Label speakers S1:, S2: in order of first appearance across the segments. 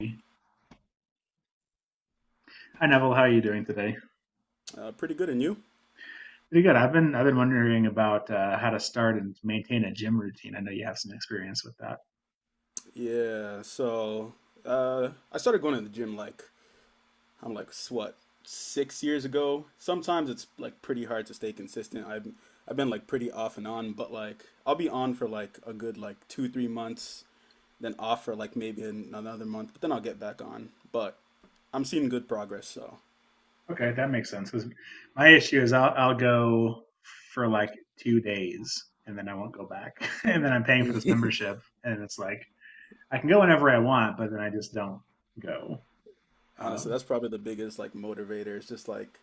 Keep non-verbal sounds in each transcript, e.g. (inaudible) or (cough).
S1: Hi Neville, how are you doing today?
S2: Pretty good, and you?
S1: Pretty good. I've been wondering about how to start and maintain a gym routine. I know you have some experience with that.
S2: Yeah. So I started going to the gym, like, I'm like, what, 6 years ago. Sometimes it's like pretty hard to stay consistent. I've been like pretty off and on, but like I'll be on for like a good like 2 3 months, then off for like maybe another month, but then I'll get back on. But I'm seeing good progress, so
S1: Okay, that makes sense. 'Cause my issue is I'll go for like 2 days and then I won't go back. (laughs) And then I'm paying for this membership, and it's like I can go whenever I want, but then I just don't go.
S2: honestly,
S1: Um,
S2: that's probably the biggest like motivator. It's just like,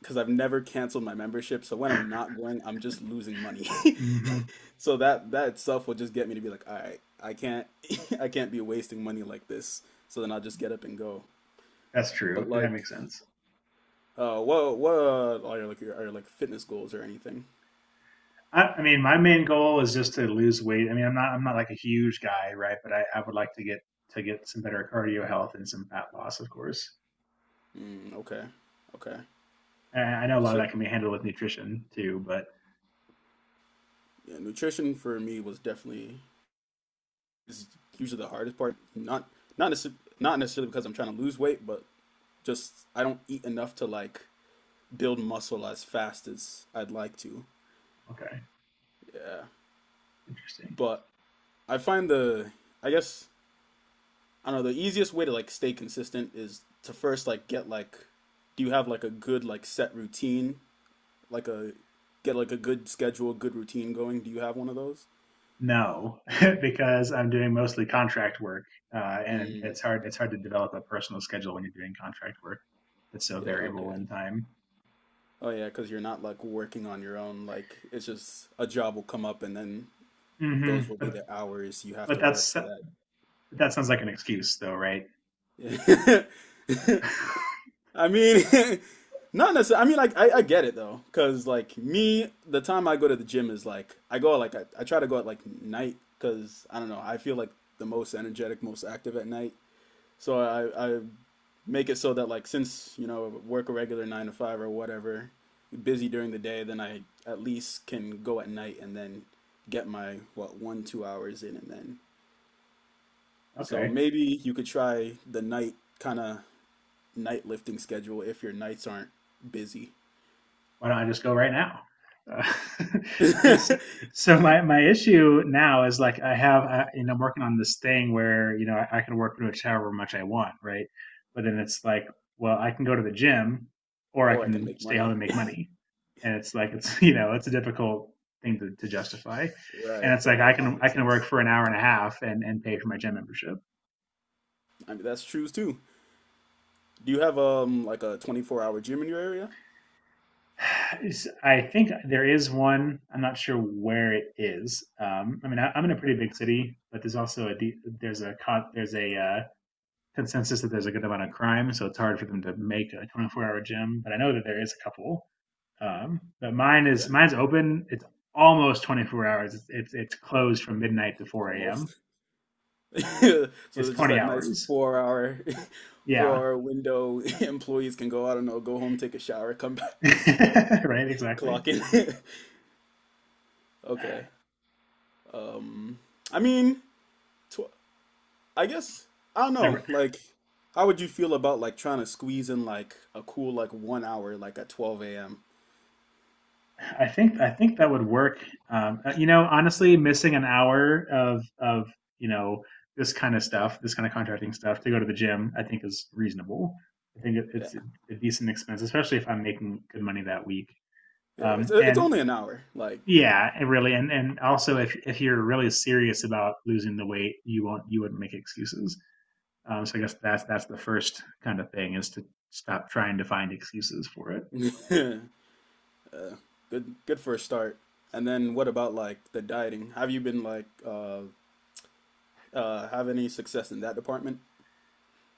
S2: because I've never canceled my membership. So when I'm not going, I'm just losing money.
S1: hmm
S2: (laughs) So that itself will just get me to be like, all right, I can't (laughs) I can't be wasting money like this. So then I'll just get up and go.
S1: that's
S2: But
S1: true. That
S2: like,
S1: makes sense.
S2: what are your like are your like fitness goals or anything?
S1: I mean, my main goal is just to lose weight. I mean, I'm not like a huge guy, right? But I would like to get some better cardio health and some fat loss, of course.
S2: Mm, okay, okay.
S1: And I know a lot of
S2: So
S1: that can be handled with nutrition too, but
S2: yeah, nutrition for me was definitely is usually the hardest part. Not necessarily because I'm trying to lose weight, but just I don't eat enough to like build muscle as fast as I'd like to.
S1: okay,
S2: Yeah,
S1: interesting.
S2: but I find the I guess I don't know, the easiest way to like stay consistent is to first like get like do you have like a good like set routine, like a get like a good schedule, good routine going? Do you have one of those?
S1: No, (laughs) because I'm doing mostly contract work. And
S2: Mm.
S1: it's hard to develop a personal schedule when you're doing contract work. That's so
S2: Yeah,
S1: variable
S2: okay.
S1: in time.
S2: Oh yeah, because you're not like working on your own, like it's just a job will come up and then
S1: Hmm
S2: those will be the hours you have
S1: But
S2: to work
S1: that's
S2: for.
S1: but That sounds like an excuse, though, right?
S2: That. Yeah.
S1: (laughs)
S2: (laughs) I mean, (laughs) not necessarily. I mean, like, I get it though, because like me, the time I go to the gym is like I go, like, I try to go at like night because I don't know. I feel like the most energetic, most active at night. So I make it so that, like, since you know work a regular nine to five or whatever, busy during the day, then I at least can go at night and then get my, what, 1 2 hours in and then. So
S1: Okay.
S2: maybe you could try the night, kind of, night lifting schedule if your nights aren't busy.
S1: Why don't I just go right now? Uh, (laughs) this,
S2: (laughs)
S1: so my issue now is like I have you know I'm working on this thing where you know I can work pretty much however much I want, right? But then it's like, well, I can go to the gym, or I
S2: Or I can
S1: can
S2: make
S1: stay home
S2: money.
S1: and make money, and it's like it's (laughs) you know it's a difficult thing to justify. And
S2: Right,
S1: it's like I
S2: right. That
S1: can I
S2: makes
S1: can work
S2: sense.
S1: for an hour and a half and pay for my gym membership.
S2: I mean, that's true too. Do you have like a 24-hour gym in your area?
S1: I think there is one. I'm not sure where it is. I mean, I'm in a pretty big city, but there's also a consensus that there's a good amount of crime, so it's hard for them to make a 24-hour gym. But I know that there is a couple. But mine is
S2: Okay,
S1: mine's open. It's almost 24 hours. It's closed from midnight to 4 a.m.
S2: almost. (laughs) So
S1: It's
S2: there's just
S1: 20
S2: that nice
S1: hours.
S2: 4 hour (laughs) four
S1: Yeah.
S2: hour window (laughs) employees can go, I don't know, go home, take a shower, come back,
S1: (laughs) Right.
S2: (laughs)
S1: Exactly.
S2: clock in. (laughs) Okay. Um I mean, tw I guess I don't
S1: And
S2: know, like, how would you feel about like trying to squeeze in like a cool like 1 hour like at 12 a.m.?
S1: I think that would work. You know, honestly, missing an hour of you know this kind of stuff, this kind of contracting stuff, to go to the gym, I think is reasonable. I think it's a decent expense, especially if I'm making good money that week.
S2: Yeah, it's uh, it's
S1: And
S2: only an hour. Like,
S1: yeah, and really, and also if you're really serious about losing the weight, you wouldn't make excuses. So I guess that's the first kind of thing is to stop trying to find excuses for it.
S2: (laughs) uh, good for a start. And then what about like the dieting? Have you been like have any success in that department?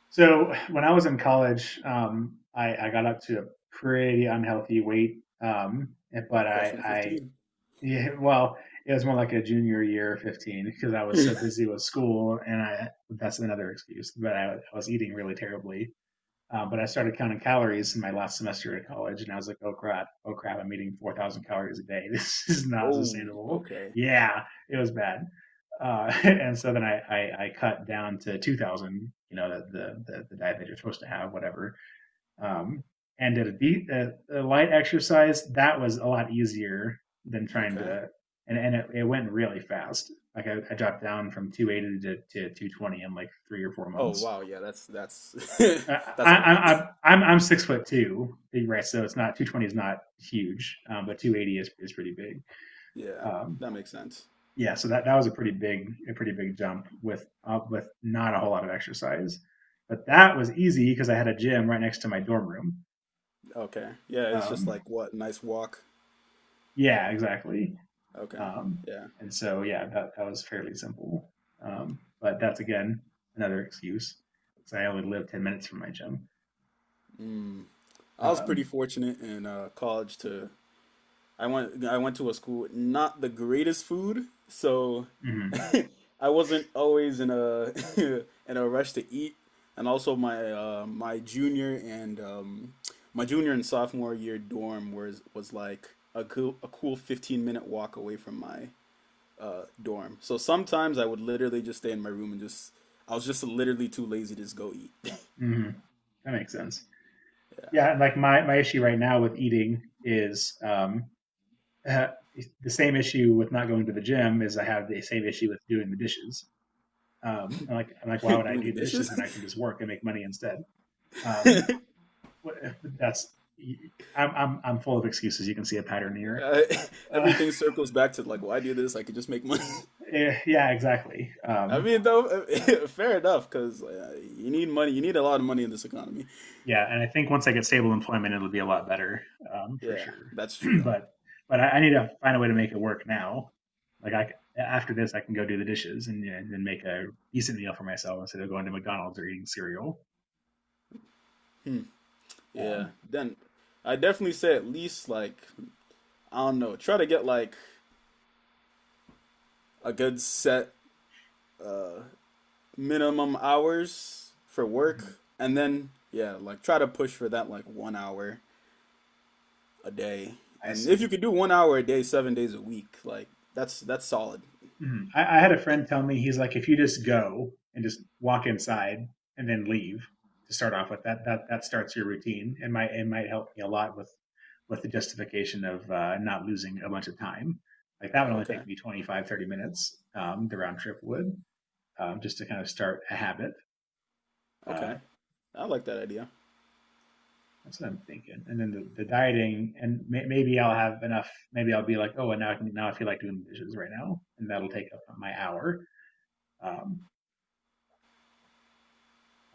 S1: So when I was in college, I got up to a pretty unhealthy weight. But
S2: Freshman 15.
S1: yeah, (laughs) well, it was more like a junior year, 15, because I was so
S2: (laughs)
S1: busy with school and I, that's another excuse, but I was eating really terribly. But I started counting calories in my last semester at college, and I was like, "Oh crap! Oh crap! I'm eating 4,000 calories a day. (laughs) This is not
S2: Whoa,
S1: sustainable."
S2: okay.
S1: Yeah, it was bad. (laughs) And so then I cut down to 2,000. You know, the diet that you're supposed to have, whatever. Um, and did a light exercise that was a lot easier than trying
S2: Okay.
S1: to. And it went really fast. Like I dropped down from 280 to 220 in like three or four
S2: Oh
S1: months
S2: wow, yeah, that's
S1: I,
S2: (laughs) that's a lot.
S1: I'm 6 foot two, right? So it's not 220 is not huge, but 280 is pretty big.
S2: Yeah,
S1: Um,
S2: that makes sense.
S1: yeah, so that was a pretty big jump with not a whole lot of exercise, but that was easy because I had a gym right next to my dorm room.
S2: Okay. Yeah, it's just
S1: Um,
S2: like, what, nice walk.
S1: yeah, exactly.
S2: Okay.
S1: Um,
S2: Yeah.
S1: and so yeah, that was fairly simple. But that's again another excuse because I only live 10 minutes from my gym.
S2: Mm. I was pretty
S1: Um,
S2: fortunate in college. To I went to a school with not the greatest food, so
S1: mhm.
S2: (laughs) I wasn't always in a (laughs) in a rush to eat, and also my junior and sophomore year dorm was like a cool 15 minute walk away from my dorm. So sometimes I would literally just stay in my room and just I was just literally too lazy to just go eat. (laughs)
S1: Mhm. That makes sense. Yeah, like my issue right now with eating is uh, the same issue with not going to the gym is I have the same issue with doing the dishes. I'm like,
S2: Yeah,
S1: why
S2: (laughs)
S1: would I
S2: doing the
S1: do the
S2: dishes.
S1: dishes when I can
S2: (laughs)
S1: just work and make money instead? Um, that's I'm full of excuses. You can see a pattern here.
S2: Uh,
S1: Uh,
S2: Everything circles back to, like, why do this? I could just make money.
S1: (laughs) yeah, exactly.
S2: (laughs) I mean, though, (laughs) fair enough, because you need money. You need a lot of money in this economy.
S1: Yeah, and I think once I get stable employment, it'll be a lot better for
S2: Yeah,
S1: sure.
S2: that's
S1: (clears throat)
S2: true.
S1: but but I need to find a way to make it work now. Like after this, I can go do the dishes and, you know, then make a decent meal for myself instead of going to McDonald's or eating cereal.
S2: Hmm. Yeah.
S1: Um,
S2: Then I definitely say at least, like, I don't know, try to get like a good set uh minimum hours for
S1: mhm.
S2: work, and then, yeah, like try to push for that like 1 hour a day.
S1: I
S2: And if you
S1: see.
S2: could do 1 hour a day 7 days a week, like that's solid.
S1: Mhm. I had a friend tell me he's like, if you just go and just walk inside and then leave to start off with that, that starts your routine and might it might help me a lot with the justification of not losing a bunch of time. Like that would only take
S2: Okay.
S1: me 25-30 minutes. The round trip would just to kind of start a habit.
S2: Okay.
S1: Uh,
S2: I like that idea.
S1: that's what I'm thinking. And then the dieting and maybe I'll have enough. Maybe I'll be like, oh, and now I feel like doing the dishes right now, and that'll take up my hour. Um,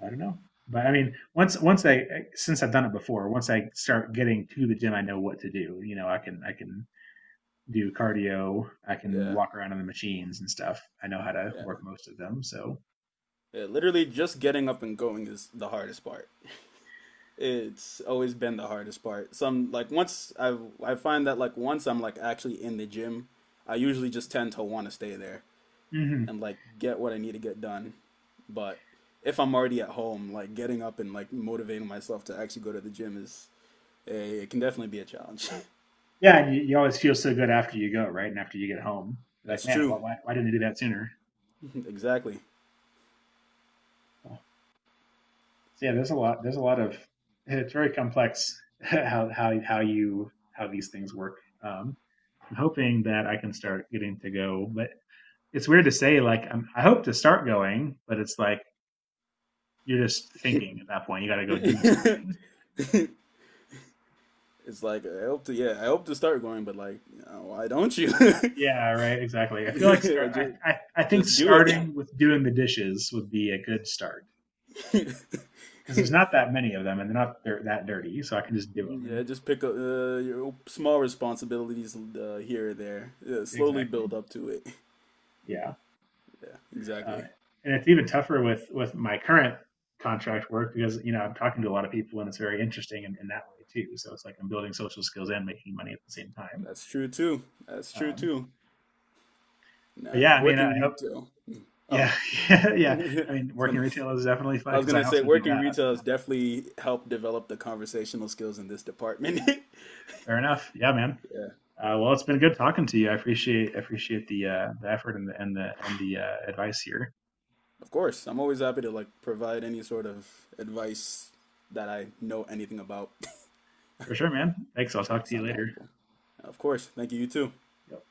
S1: I don't know. But I mean, once once I since I've done it before, once I start getting to the gym, I know what to do. You know, I can do cardio, I can
S2: Yeah.
S1: walk around on the machines and stuff. I know how to work
S2: Yeah.
S1: most of them. So
S2: Yeah, literally just getting up and going is the hardest part. It's always been the hardest part. Some like once I find that, like, once I'm like actually in the gym, I usually just tend to want to stay there
S1: hmm
S2: and like get what I need to get done. But if I'm already at home, like getting up and like motivating myself to actually go to the gym is it can definitely be a challenge.
S1: yeah, and you always feel so good after you go, right? And after you get home,
S2: (laughs)
S1: you're like,
S2: That's
S1: man, why
S2: true.
S1: why why didn't I do that sooner?
S2: (laughs) Exactly.
S1: So yeah, there's a lot. There's a lot of. It's very complex (laughs) how these things work. Um, I'm hoping that I can start getting to go, but it's weird to say. Like I hope to start going, but it's like you're just thinking at that point. You got to
S2: (laughs)
S1: go do something.
S2: it's like I hope to Yeah, I hope to start going, but, like, you know, why don't you? (laughs)
S1: Yeah, right. Exactly. I feel like start.
S2: just
S1: I think
S2: just do it.
S1: starting with doing the dishes would be a good start because there's
S2: (laughs)
S1: not that many of them, and they're not they're that dirty, so I can just do them. And
S2: Yeah, just pick up your small responsibilities here or there. Yeah, slowly
S1: exactly.
S2: build up to it. (laughs)
S1: Yeah.
S2: Yeah,
S1: uh,
S2: exactly.
S1: and it's even tougher with my current contract work because you know I'm talking to a lot of people and it's very interesting in that way too. So it's like I'm building social skills and making money at the same time.
S2: That's true too. That's true
S1: Um,
S2: too.
S1: but
S2: Nah,
S1: yeah, I mean,
S2: working
S1: I hope. (laughs)
S2: retail. Oh,
S1: Yeah, yeah,
S2: (laughs) I
S1: yeah. I mean,
S2: was
S1: working
S2: gonna,
S1: retail is definitely
S2: I
S1: fun
S2: was
S1: because I
S2: gonna say
S1: also do
S2: working
S1: that.
S2: retail has definitely helped develop the conversational skills in this department. (laughs)
S1: Fair enough. Yeah, man.
S2: Yeah,
S1: Well, it's been good talking to you. I appreciate the effort and the advice here
S2: of course. I'm always happy to like provide any sort of advice that I know anything about.
S1: for sure, man. Thanks.
S2: (laughs)
S1: I'll
S2: Try
S1: talk
S2: to
S1: to you
S2: sound
S1: later.
S2: knowledgeable. Of course. Thank you. You too.
S1: Yep.